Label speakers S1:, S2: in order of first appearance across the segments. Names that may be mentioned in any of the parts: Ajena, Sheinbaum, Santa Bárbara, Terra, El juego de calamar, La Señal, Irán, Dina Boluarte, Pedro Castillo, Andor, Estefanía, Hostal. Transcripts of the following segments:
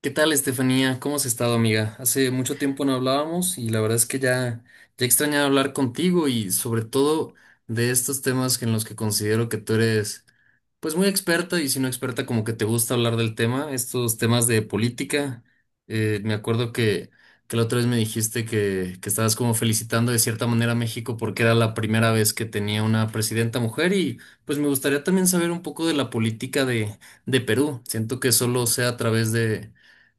S1: ¿Qué tal, Estefanía? ¿Cómo has estado, amiga? Hace mucho tiempo no hablábamos y la verdad es que ya extrañaba hablar contigo y sobre todo de estos temas en los que considero que tú eres pues muy experta y si no experta como que te gusta hablar del tema, estos temas de política. Me acuerdo que la otra vez me dijiste que estabas como felicitando de cierta manera a México porque era la primera vez que tenía una presidenta mujer y pues me gustaría también saber un poco de la política de Perú. Siento que solo sea a través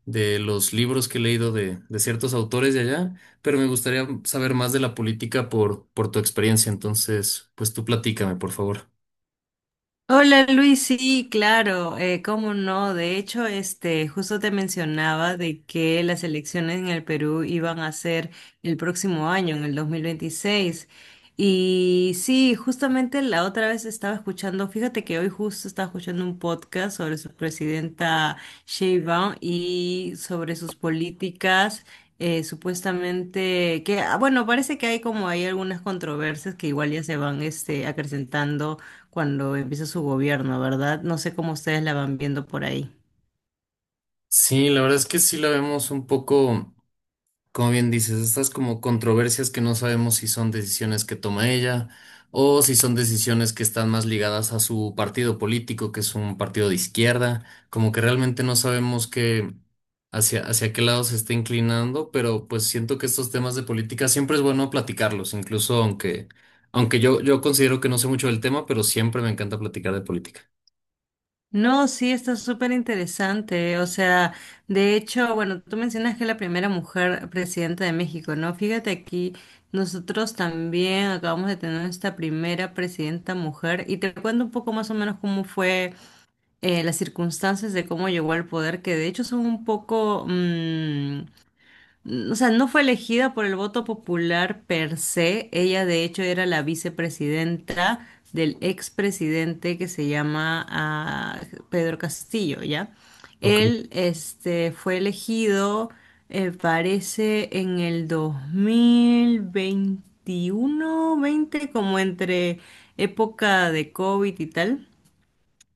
S1: de los libros que he leído de ciertos autores de allá, pero me gustaría saber más de la política por tu experiencia. Entonces, pues tú platícame, por favor.
S2: Hola Luis, sí, claro, cómo no. De hecho, este, justo te mencionaba de que las elecciones en el Perú iban a ser el próximo año, en el 2026. Y sí, justamente la otra vez estaba escuchando, fíjate que hoy justo estaba escuchando un podcast sobre su presidenta Sheinbaum y sobre sus políticas. Supuestamente que, bueno, parece que hay algunas controversias que igual ya se van este, acrecentando cuando empieza su gobierno, ¿verdad? No sé cómo ustedes la van viendo por ahí.
S1: Sí, la verdad es que sí la vemos un poco. Como bien dices, estas como controversias que no sabemos si son decisiones que toma ella o si son decisiones que están más ligadas a su partido político, que es un partido de izquierda, como que realmente no sabemos qué hacia qué lado se está inclinando, pero pues siento que estos temas de política siempre es bueno platicarlos, incluso aunque yo considero que no sé mucho del tema, pero siempre me encanta platicar de política.
S2: No, sí, está súper interesante. O sea, de hecho, bueno, tú mencionas que es la primera mujer presidenta de México, ¿no? Fíjate aquí, nosotros también acabamos de tener esta primera presidenta mujer y te cuento un poco más o menos cómo fue las circunstancias de cómo llegó al poder, que de hecho son un poco, o sea, no fue elegida por el voto popular per se. Ella, de hecho, era la vicepresidenta del expresidente que se llama Pedro Castillo, ¿ya?
S1: Ok,
S2: Él, este, fue elegido, parece, en el 2021, 20, como entre época de COVID y tal.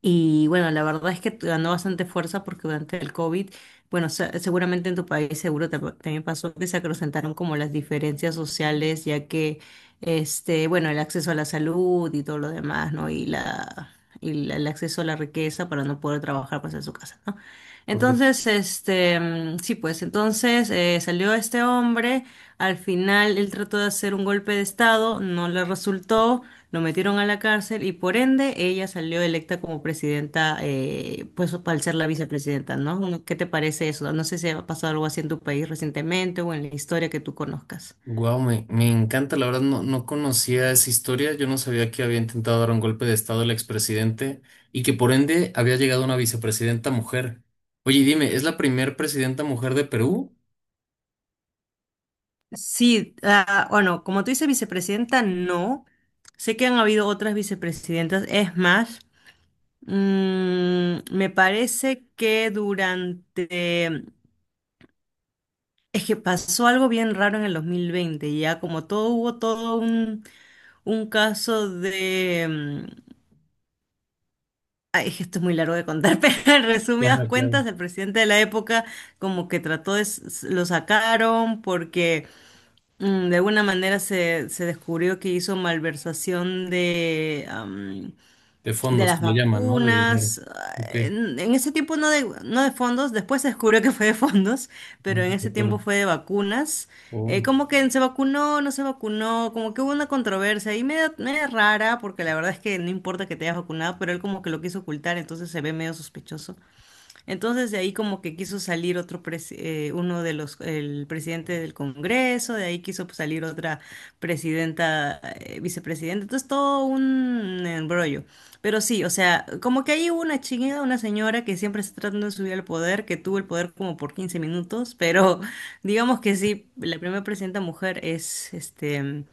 S2: Y bueno, la verdad es que ganó bastante fuerza porque durante el COVID, bueno, seguramente en tu país también pasó que se acrecentaron como las diferencias sociales, ya que, este, bueno, el acceso a la salud y todo lo demás, ¿no? El acceso a la riqueza para no poder trabajar pues en su casa, ¿no?
S1: correcto.
S2: Entonces, este, sí, pues entonces salió este hombre, al final él trató de hacer un golpe de estado, no le resultó, lo metieron a la cárcel y por ende ella salió electa como presidenta, pues al ser la vicepresidenta, ¿no? ¿Qué te parece eso? No sé si ha pasado algo así en tu país recientemente o en la historia que tú conozcas.
S1: Wow, me encanta, la verdad no conocía esa historia, yo no sabía que había intentado dar un golpe de estado el expresidente y que por ende había llegado una vicepresidenta mujer. Oye, y dime, ¿es la primer presidenta mujer de Perú?
S2: Sí, bueno, como tú dices, vicepresidenta, no. Sé que han habido otras vicepresidentas, es más, me parece que durante... Es que pasó algo bien raro en el 2020, ya como todo hubo todo un caso de... Ay, es que esto es muy largo de contar, pero en resumidas
S1: Claro, claro.
S2: cuentas, el presidente de la época como que trató de, lo sacaron porque de alguna manera se descubrió que hizo malversación
S1: De
S2: de
S1: fondos,
S2: las
S1: que le llaman, ¿no? De dinero.
S2: vacunas.
S1: Ok,
S2: En ese tiempo no no de fondos, después se descubrió que fue de fondos, pero en
S1: mm, de
S2: ese tiempo
S1: acuerdo.
S2: fue de vacunas.
S1: Oh,
S2: Como que se vacunó, no se vacunó, como que hubo una controversia ahí media, media rara, porque la verdad es que no importa que te hayas vacunado, pero él como que lo quiso ocultar, entonces se ve medio sospechoso. Entonces de ahí como que quiso salir otro uno de los el presidente del Congreso, de ahí quiso, pues, salir otra presidenta, vicepresidenta. Entonces todo un embrollo. Pero sí, o sea, como que ahí hubo una chingada, una señora que siempre está tratando de subir al poder, que tuvo el poder como por 15 minutos, pero digamos que sí, la primera presidenta mujer es este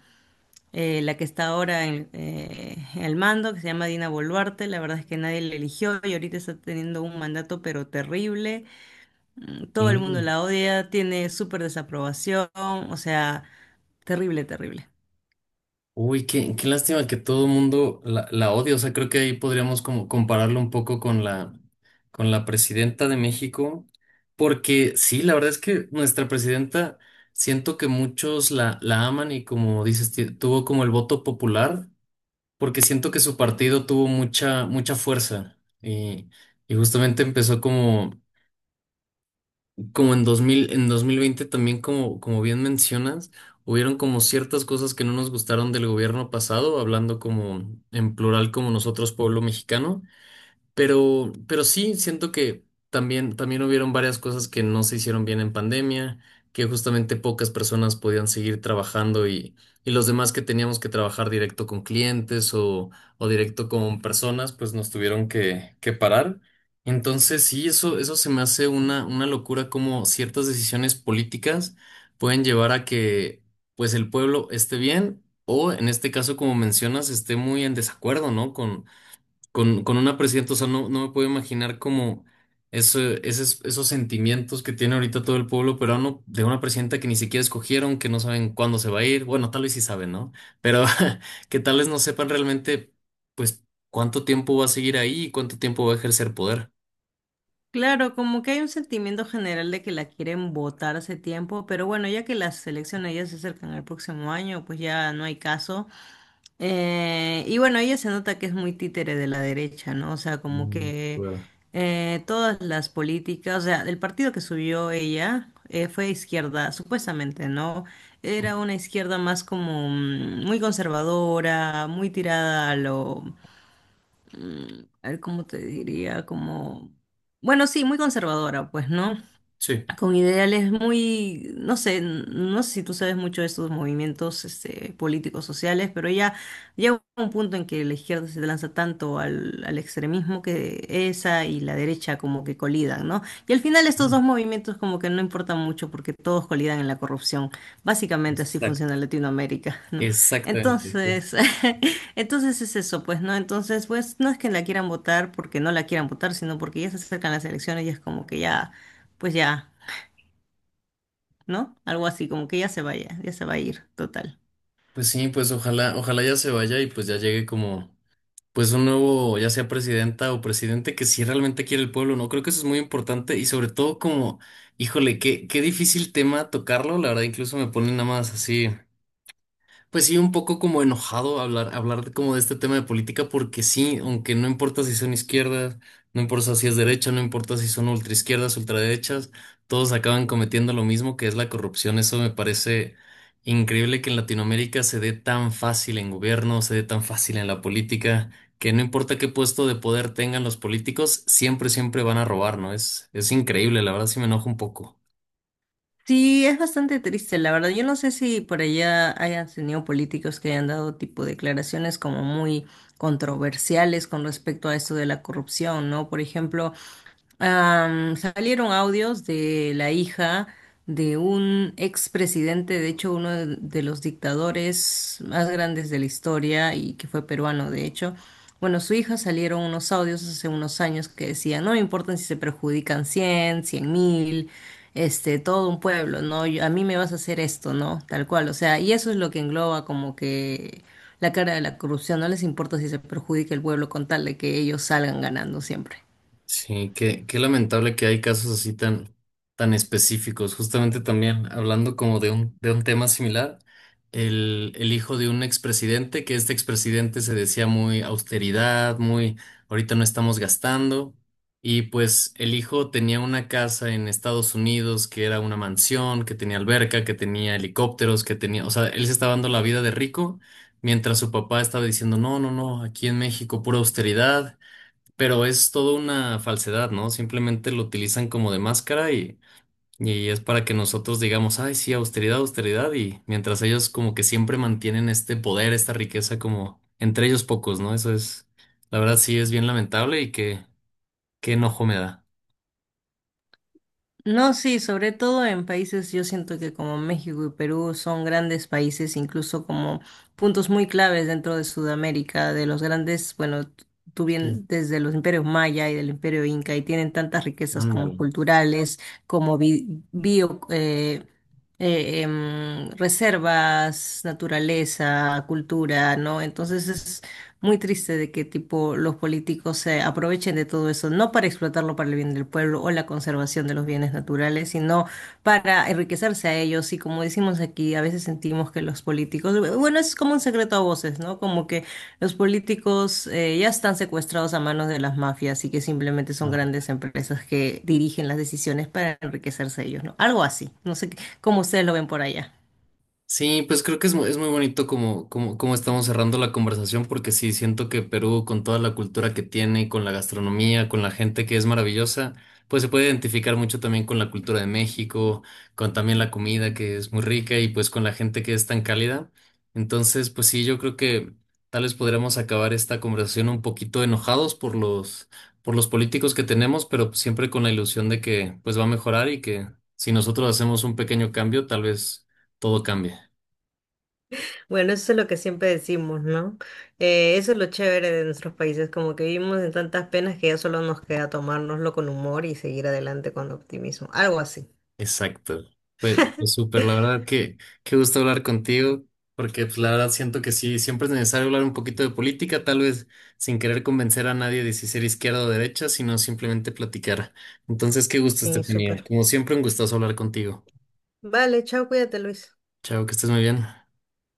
S2: eh, la que está ahora en el mando, que se llama Dina Boluarte. La verdad es que nadie la eligió y ahorita está teniendo un mandato pero terrible. Todo el mundo
S1: ok.
S2: la odia, tiene súper desaprobación, o sea, terrible, terrible.
S1: Uy, qué lástima que todo el mundo la odia. O sea, creo que ahí podríamos como compararlo un poco con la presidenta de México, porque sí, la verdad es que nuestra presidenta siento que muchos la aman y como dices, tuvo como el voto popular, porque siento que su partido tuvo mucha fuerza y, y justamente empezó como en en 2020 también como, como bien mencionas, hubieron como ciertas cosas que no nos gustaron del gobierno pasado, hablando como en plural como nosotros, pueblo mexicano, pero sí, siento que también hubieron varias cosas que no se hicieron bien en pandemia, que justamente pocas personas podían seguir trabajando y los demás que teníamos que trabajar directo con clientes o directo con personas, pues nos tuvieron que parar. Entonces, sí, eso se me hace una locura como ciertas decisiones políticas pueden llevar a que pues el pueblo esté bien o en este caso, como mencionas, esté muy en desacuerdo, ¿no? Con una presidenta, o sea, no me puedo imaginar como esos sentimientos que tiene ahorita todo el pueblo peruano de una presidenta que ni siquiera escogieron, que no saben cuándo se va a ir. Bueno, tal vez sí saben, ¿no? Pero que tal vez no sepan realmente, pues, cuánto tiempo va a seguir ahí y cuánto tiempo va a ejercer poder.
S2: Claro, como que hay un sentimiento general de que la quieren votar hace tiempo, pero bueno, ya que las elecciones ya se acercan al próximo año, pues ya no hay caso. Y bueno, ella se nota que es muy títere de la derecha, ¿no? O sea, como
S1: Mm,
S2: que
S1: ¿verdad?
S2: todas las políticas, o sea, el partido que subió ella fue izquierda, supuestamente, ¿no? Era una izquierda más como muy conservadora, muy tirada a lo a ver cómo te diría, como, bueno, sí, muy conservadora, pues, ¿no?
S1: Sí,
S2: Con ideales muy, no sé, no sé si tú sabes mucho de estos movimientos este, políticos sociales, pero ya llega un punto en que la izquierda se lanza tanto al extremismo, que esa y la derecha como que colidan, ¿no? Y al final estos
S1: ujú.
S2: dos movimientos como que no importan mucho porque todos colidan en la corrupción. Básicamente así funciona
S1: Exacto.
S2: Latinoamérica, ¿no?
S1: Exactamente. Pues
S2: Entonces, entonces es eso, pues, ¿no? Entonces, pues no es que la quieran votar porque no la quieran votar, sino porque ya se acercan las elecciones y es como que ya, pues ya. ¿No? Algo así, como que ya se vaya, ya se va a ir, total.
S1: pues sí, pues ojalá, ojalá ya se vaya y pues ya llegue como. Pues un nuevo, ya sea presidenta o presidente, que si realmente quiere el pueblo, ¿no? Creo que eso es muy importante y sobre todo como, híjole, qué difícil tema tocarlo, la verdad incluso me pone nada más así. Pues sí, un poco como enojado hablar, como de este tema de política, porque sí, aunque no importa si son izquierdas, no importa si es derecha, no importa si son ultraizquierdas, ultraderechas, todos acaban cometiendo lo mismo que es la corrupción. Eso me parece increíble que en Latinoamérica se dé tan fácil en gobierno, se dé tan fácil en la política, que no importa qué puesto de poder tengan los políticos, siempre, siempre van a robar, ¿no? Es increíble, la verdad sí me enojo un poco.
S2: Sí, es bastante triste, la verdad. Yo no sé si por allá hayan tenido políticos que hayan dado tipo declaraciones como muy controversiales con respecto a esto de la corrupción, ¿no? Por ejemplo, salieron audios de la hija de un expresidente, de hecho uno de los dictadores más grandes de la historia y que fue peruano, de hecho. Bueno, su hija, salieron unos audios hace unos años que decían, no me importan si se perjudican 100.000, este, todo un pueblo, ¿no? A mí me vas a hacer esto, ¿no? Tal cual, o sea, y eso es lo que engloba como que la cara de la corrupción, no les importa si se perjudica el pueblo con tal de que ellos salgan ganando siempre.
S1: Sí, qué lamentable que hay casos así tan, tan específicos. Justamente también hablando como de un tema similar, el hijo de un expresidente, que este expresidente se decía muy austeridad, muy ahorita no estamos gastando, y pues el hijo tenía una casa en Estados Unidos que era una mansión, que tenía alberca, que tenía helicópteros, que tenía, o sea, él se estaba dando la vida de rico, mientras su papá estaba diciendo, no, no, no, aquí en México pura austeridad. Pero es toda una falsedad, ¿no? Simplemente lo utilizan como de máscara y es para que nosotros digamos, ay, sí, austeridad, austeridad, y mientras ellos como que siempre mantienen este poder, esta riqueza como entre ellos pocos, ¿no? Eso es, la verdad sí es bien lamentable y que qué enojo me da.
S2: No, sí, sobre todo en países, yo siento que como México y Perú son grandes países, incluso como puntos muy claves dentro de Sudamérica, de los grandes, bueno, tú bien
S1: Sí,
S2: desde los imperios maya y del imperio inca, y tienen tantas riquezas como
S1: ándale,
S2: culturales, como bio, reservas, naturaleza, cultura, ¿no? Entonces es muy triste de que tipo los políticos se aprovechen de todo eso, no para explotarlo para el bien del pueblo o la conservación de los bienes naturales, sino para enriquecerse a ellos. Y como decimos aquí, a veces sentimos que los políticos, bueno, es como un secreto a voces, ¿no? Como que los políticos ya están secuestrados a manos de las mafias y que simplemente son
S1: ándale.
S2: grandes empresas que dirigen las decisiones para enriquecerse a ellos, ¿no? Algo así. No sé cómo ustedes lo ven por allá.
S1: Sí, pues creo que es muy bonito como, como, como estamos cerrando la conversación, porque sí, siento que Perú, con toda la cultura que tiene, con la gastronomía, con la gente que es maravillosa, pues se puede identificar mucho también con la cultura de México, con también la comida que es muy rica y pues con la gente que es tan cálida. Entonces, pues sí, yo creo que tal vez podríamos acabar esta conversación un poquito enojados por los políticos que tenemos, pero siempre con la ilusión de que pues va a mejorar y que si nosotros hacemos un pequeño cambio, tal vez todo cambie.
S2: Bueno, eso es lo que siempre decimos, ¿no? Eso es lo chévere de nuestros países, como que vivimos en tantas penas que ya solo nos queda tomárnoslo con humor y seguir adelante con optimismo, algo así.
S1: Exacto. Pues, pues súper, la verdad que qué gusto hablar contigo, porque pues la verdad siento que sí, siempre es necesario hablar un poquito de política, tal vez sin querer convencer a nadie de si ser izquierda o derecha, sino simplemente platicar. Entonces, qué gusto,
S2: Sí,
S1: Estefanía.
S2: súper.
S1: Como siempre, un gustazo hablar contigo.
S2: Vale, chao, cuídate, Luis.
S1: Chao, que estés muy bien.